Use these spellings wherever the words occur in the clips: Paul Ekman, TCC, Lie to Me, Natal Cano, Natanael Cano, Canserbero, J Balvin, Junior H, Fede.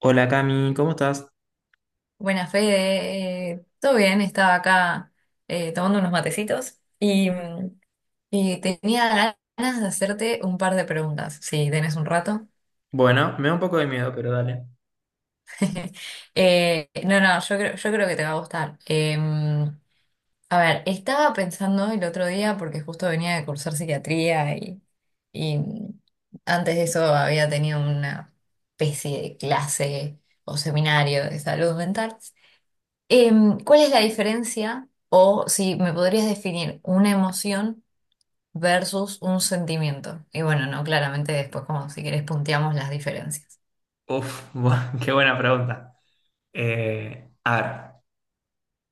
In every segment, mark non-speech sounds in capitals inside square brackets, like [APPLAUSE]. Hola Cami, ¿cómo estás? Buenas, Fede. Todo bien, estaba acá tomando unos matecitos y tenía ganas de hacerte un par de preguntas, si tenés un rato. Bueno, me da un poco de miedo, pero dale. [LAUGHS] No, no, yo creo que te va a gustar. A ver, estaba pensando el otro día, porque justo venía de cursar psiquiatría y antes de eso había tenido una especie de clase o seminario de salud mental. ¿Cuál es la diferencia o si me podrías definir una emoción versus un sentimiento? Y bueno, no, claramente después como si querés punteamos las diferencias. Uf, [LAUGHS] qué buena pregunta. A ver,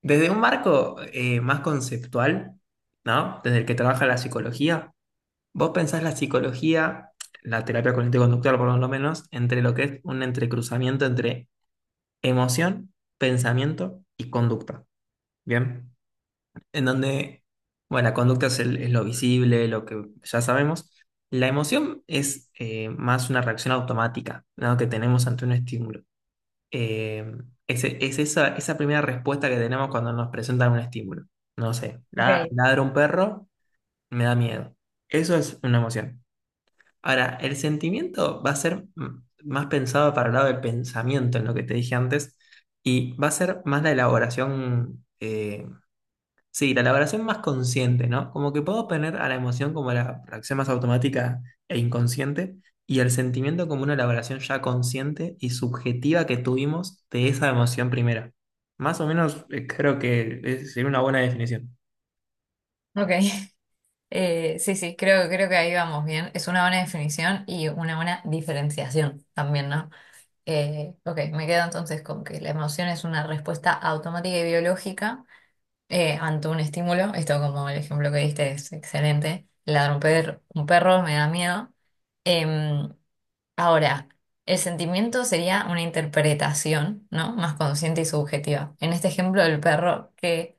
desde un marco más conceptual, ¿no? Desde el que trabaja la psicología, vos pensás la psicología, la terapia cognitivo-conductual por lo menos, entre lo que es un entrecruzamiento entre emoción, pensamiento y conducta. ¿Bien? En donde, bueno, la conducta es, es lo visible, lo que ya sabemos. La emoción es más una reacción automática, ¿no? Que tenemos ante un estímulo. Eh, es esa, esa primera respuesta que tenemos cuando nos presentan un estímulo. No sé, Ok, ladra un perro, me da miedo. Eso es una emoción. Ahora, el sentimiento va a ser mm, más pensado para el lado del pensamiento, en lo que te dije antes, y va a ser más la elaboración. Sí, la elaboración más consciente, ¿no? Como que puedo poner a la emoción como la reacción más automática e inconsciente y el sentimiento como una elaboración ya consciente y subjetiva que tuvimos de esa emoción primera. Más o menos creo que sería una buena definición. ok. [LAUGHS] Sí, sí, creo que ahí vamos bien. Es una buena definición y una buena diferenciación también, ¿no? Ok, me quedo entonces con que la emoción es una respuesta automática y biológica ante un estímulo. Esto como el ejemplo que diste es excelente. Ladra un perro me da miedo. Em, Ahora, el sentimiento sería una interpretación, ¿no? Más consciente y subjetiva. En este ejemplo del perro, que,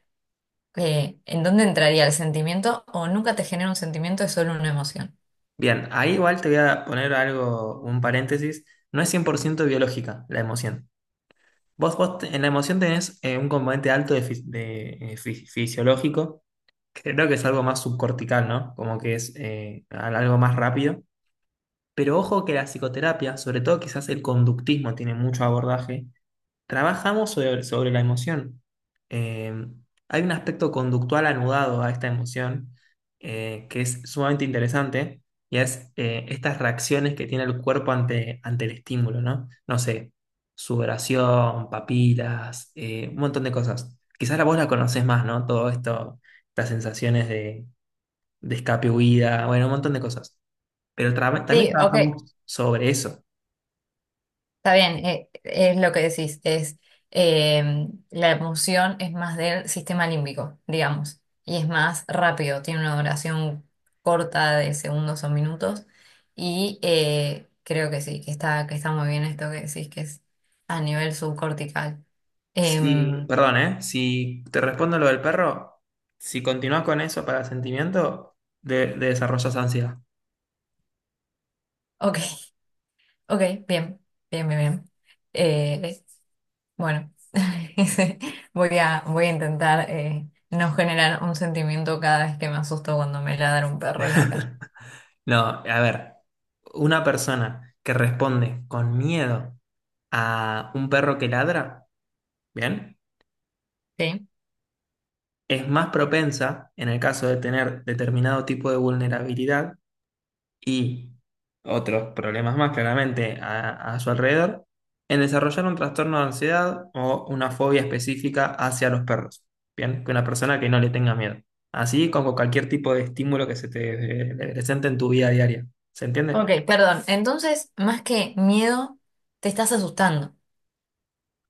eh, ¿en dónde entraría el sentimiento? O nunca te genera un sentimiento, es solo una emoción. Bien, ahí igual te voy a poner algo, un paréntesis. No es 100% biológica la emoción. Vos en la emoción tenés un componente alto de, fisiológico. Creo que es algo más subcortical, ¿no? Como que es algo más rápido. Pero ojo que la psicoterapia, sobre todo quizás el conductismo tiene mucho abordaje, trabajamos sobre la emoción. Eh, hay un aspecto conductual anudado a esta emoción que es sumamente interesante y es estas reacciones que tiene el cuerpo ante el estímulo, ¿no? No sé, sudoración, papilas, un montón de cosas. Quizás la vos la conocés más, ¿no? Todo esto, estas sensaciones de escape, huida, bueno, un montón de cosas. Pero también Sí, ok, trabajamos sobre eso. está bien, es lo que decís, es la emoción es más del sistema límbico, digamos, y es más rápido, tiene una duración corta de segundos o minutos, y creo que sí, que está muy bien esto que decís, que es a nivel subcortical. Sí, Em, perdón, ¿eh? Si te respondo lo del perro, si continúas con eso para sentimiento, de desarrollas ansiedad. ok, [LAUGHS] ok, bien, bien, bien, bien. Eh, Bueno, [LAUGHS] ese- voy a intentar no generar un sentimiento cada vez que me asusto cuando me ladra un perro en la calle. [LAUGHS] No, a ver, una persona que responde con miedo a un perro que ladra, ¿bien? ¿Sí? Es más propensa, en el caso de tener determinado tipo de vulnerabilidad, y otros problemas más claramente a su alrededor en desarrollar un trastorno de ansiedad o una fobia específica hacia los perros. Bien, que una persona que no le tenga miedo. Así como cualquier tipo de estímulo que se te presente en tu vida diaria. ¿Se entiende? Ok, perdón. Entonces, más que miedo, te estás asustando,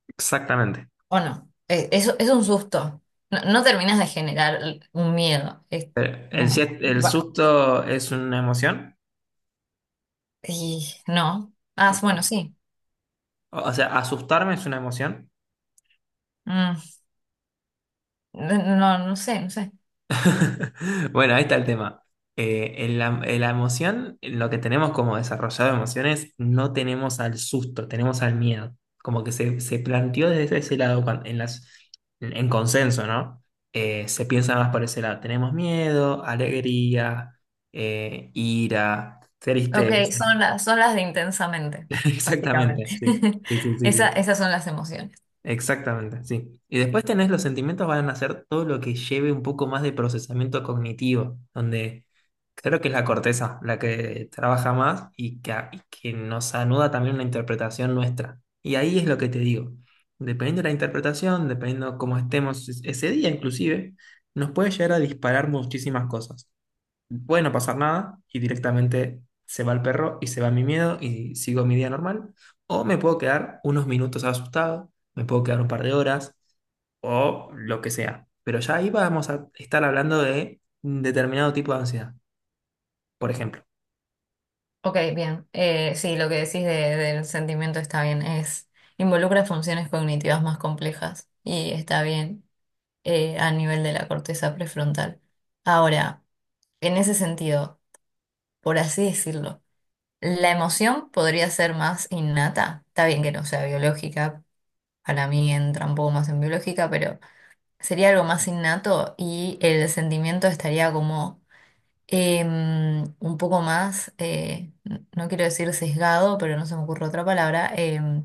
Exactamente. ¿o no? Eso es un susto. No, no terminas de generar un miedo. Bueno, El susto es una emoción. y no. Ah, Ok. bueno, sí. O sea, asustarme es una emoción. Mm, no, no sé, no sé. [LAUGHS] Bueno, ahí está el tema. En la emoción, en lo que tenemos como desarrollado de emociones, no tenemos al susto, tenemos al miedo. Como que se planteó desde ese lado en las, en consenso, ¿no? Se piensa más por ese lado. Tenemos miedo, alegría, ira, Ok, tristeza. Son las de intensamente, [LAUGHS] Exactamente, básicamente. sí. [LAUGHS] Sí, sí, sí, sí. esas son las emociones. Exactamente, sí. Y después tenés los sentimientos, van a ser todo lo que lleve un poco más de procesamiento cognitivo, donde creo que es la corteza la que trabaja más y y que nos anuda también una interpretación nuestra. Y ahí es lo que te digo. Dependiendo de la interpretación, dependiendo cómo estemos ese día inclusive, nos puede llegar a disparar muchísimas cosas, puede no pasar nada y directamente se va el perro y se va mi miedo y sigo mi día normal. O me puedo quedar unos minutos asustado, me puedo quedar un par de horas o lo que sea. Pero ya ahí vamos a estar hablando de un determinado tipo de ansiedad, por ejemplo. Ok, bien. Sí, lo que decís del sentimiento está bien. Es, involucra funciones cognitivas más complejas y está bien a nivel de la corteza prefrontal. Ahora, en ese sentido, por así decirlo, la emoción podría ser más innata. Está bien que no sea biológica, para mí entra un poco más en biológica, pero sería algo más innato y el sentimiento estaría como un poco más, no quiero decir sesgado, pero no se me ocurre otra palabra,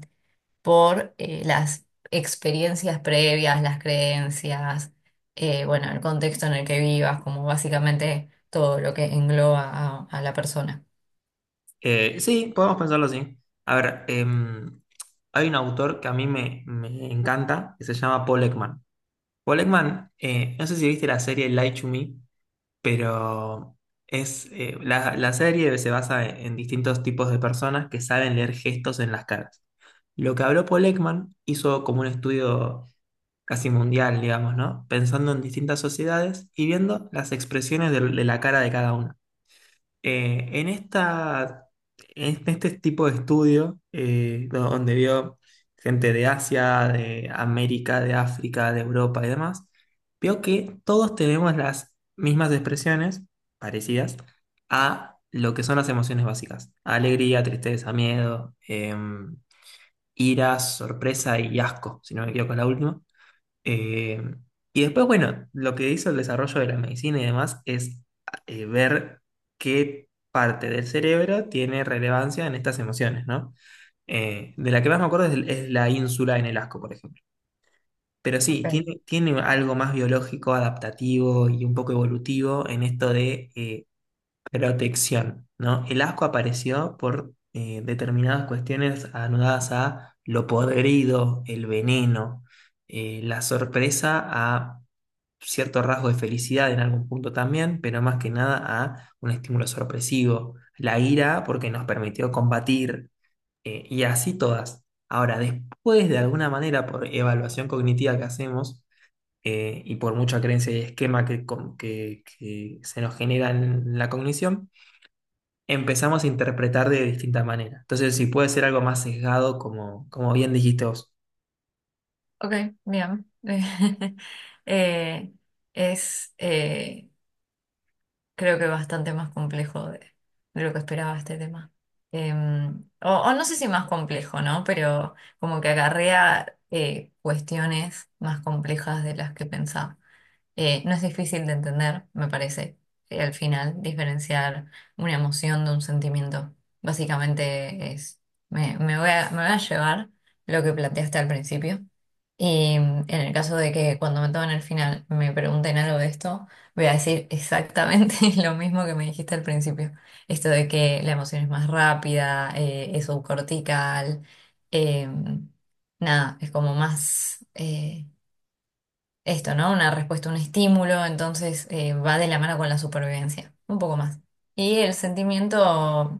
por las experiencias previas, las creencias, bueno, el contexto en el que vivas, como básicamente todo lo que engloba a la persona. Sí, podemos pensarlo así. A ver, em, hay un autor que a mí me encanta, que se llama Paul Ekman. Paul Ekman, no sé si viste la serie Lie to Me, pero es la serie se basa en distintos tipos de personas que saben leer gestos en las caras. Lo que habló Paul Ekman, hizo como un estudio casi mundial, digamos, ¿no? Pensando en distintas sociedades y viendo las expresiones de la cara de cada una. Eh, en esta, en este tipo de estudio, donde vio gente de Asia, de América, de África, de Europa y demás, vio que todos tenemos las mismas expresiones parecidas a lo que son las emociones básicas. Alegría, tristeza, miedo, em, ira, sorpresa y asco, si no me equivoco, la última. Eh, y después, bueno, lo que hizo el desarrollo de la medicina y demás es ver qué parte del cerebro tiene relevancia en estas emociones, ¿no? De la que más me acuerdo es la ínsula en el asco, por ejemplo. Pero sí, Ok, tiene algo más biológico, adaptativo y un poco evolutivo en esto de protección, ¿no? El asco apareció por determinadas cuestiones anudadas a lo podrido, el veneno, la sorpresa a cierto rasgo de felicidad en algún punto también, pero más que nada a un estímulo sorpresivo, la ira porque nos permitió combatir y así todas. Ahora, después de alguna manera, por evaluación cognitiva que hacemos, y por mucha creencia y esquema que se nos genera en la cognición, empezamos a interpretar de distintas maneras. Entonces, si puede ser algo más sesgado, como, como bien dijiste vos. ok, bien. [LAUGHS] Eh, es, eh, creo que bastante más complejo de lo que esperaba este tema. O no sé si más complejo, ¿no? Pero como que acarrea cuestiones más complejas de las que pensaba. No es difícil de entender, me parece, al final, diferenciar una emoción de un sentimiento. Básicamente es, me voy me voy a llevar lo que planteaste al principio. Y en el caso de que cuando me tomen el final me pregunten algo de esto, voy a decir exactamente [LAUGHS] lo mismo que me dijiste al principio. Esto de que la emoción es más rápida, es subcortical, em, nada, es como más, esto, ¿no? Una respuesta, un estímulo, entonces va de la mano con la supervivencia, un poco más. Y el sentimiento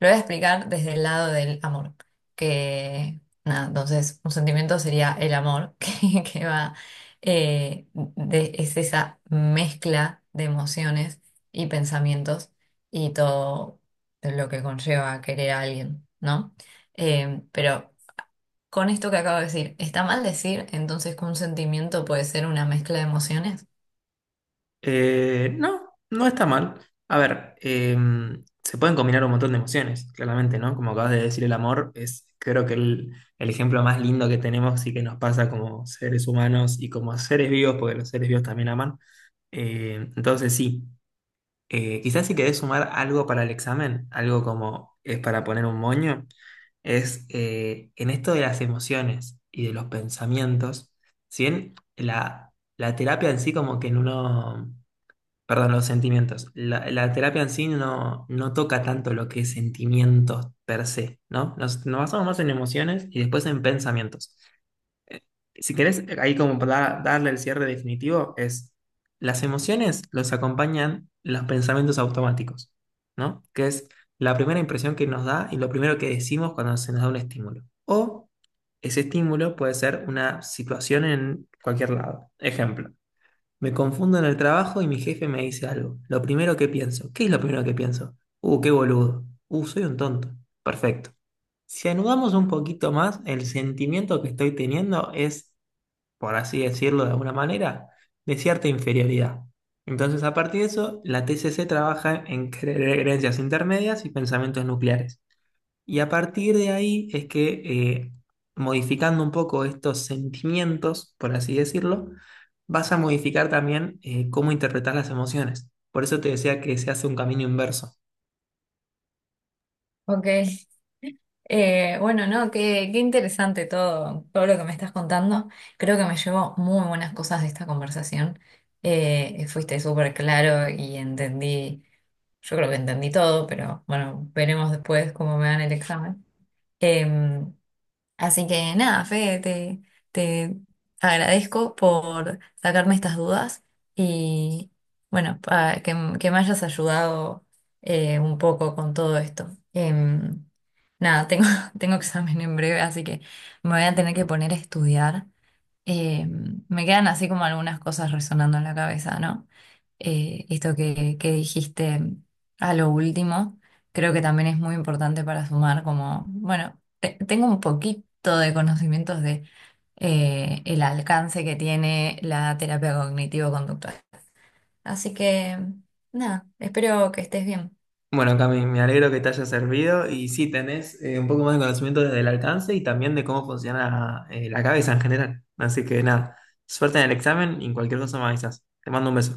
lo voy a explicar desde el lado del amor, que nada, entonces un sentimiento sería el amor, [LAUGHS] que va, es esa mezcla de emociones y pensamientos y todo lo que conlleva querer a alguien, ¿no? Pero con esto que acabo de decir, ¿está mal decir entonces que un sentimiento puede ser una mezcla de emociones? Eh, no, no está mal. A ver, se pueden combinar un montón de emociones, claramente, ¿no? Como acabas de decir, el amor es, creo que el ejemplo más lindo que tenemos y que nos pasa como seres humanos y como seres vivos, porque los seres vivos también aman. Entonces, sí. Quizás si querés sumar algo para el examen, algo como es para poner un moño, es en esto de las emociones y de los pensamientos, si bien la terapia en sí como que no, perdón, los sentimientos, la terapia en sí no, no toca tanto lo que es sentimientos per se, ¿no? Nos basamos más en emociones y después en pensamientos. Si querés, ahí como para darle el cierre definitivo, es las emociones los acompañan los pensamientos automáticos, ¿no? Que es la primera impresión que nos da y lo primero que decimos cuando se nos da un estímulo. O ese estímulo puede ser una situación en cualquier lado. Ejemplo, me confundo en el trabajo y mi jefe me dice algo. Lo primero que pienso, ¿qué es lo primero que pienso? Qué boludo. Soy un tonto. Perfecto. Si anudamos un poquito más, el sentimiento que estoy teniendo es, por así decirlo de alguna manera, de cierta inferioridad. Entonces, a partir de eso, la TCC trabaja en creencias intermedias y pensamientos nucleares. Y a partir de ahí es que, modificando un poco estos sentimientos, por así decirlo, vas a modificar también cómo interpretar las emociones. Por eso te decía que se hace un camino inverso. Ok. Bueno, no, qué interesante todo, todo lo que me estás contando. Creo que me llevo muy buenas cosas de esta conversación. Fuiste súper claro y entendí, yo creo que entendí todo, pero bueno, veremos después cómo me dan el examen. Em, Así que nada, Fede, te agradezco por sacarme estas dudas y bueno, que me hayas ayudado un poco con todo esto. Nada, tengo, [LAUGHS] tengo examen en breve, así que me voy a tener que poner a estudiar. Me quedan así como algunas cosas resonando en la cabeza, ¿no? Esto que dijiste a lo último, creo que también es muy importante para sumar como, bueno. Tengo un poquito de conocimientos de el alcance que tiene la terapia cognitivo-conductual. Así que, nada, espero que estés bien. Bueno, Cami, me alegro que te haya servido y sí, tenés un poco más de conocimiento desde el alcance y también de cómo funciona la cabeza en general. Así que nada, suerte en el examen y en cualquier cosa me avisas. Te mando un beso.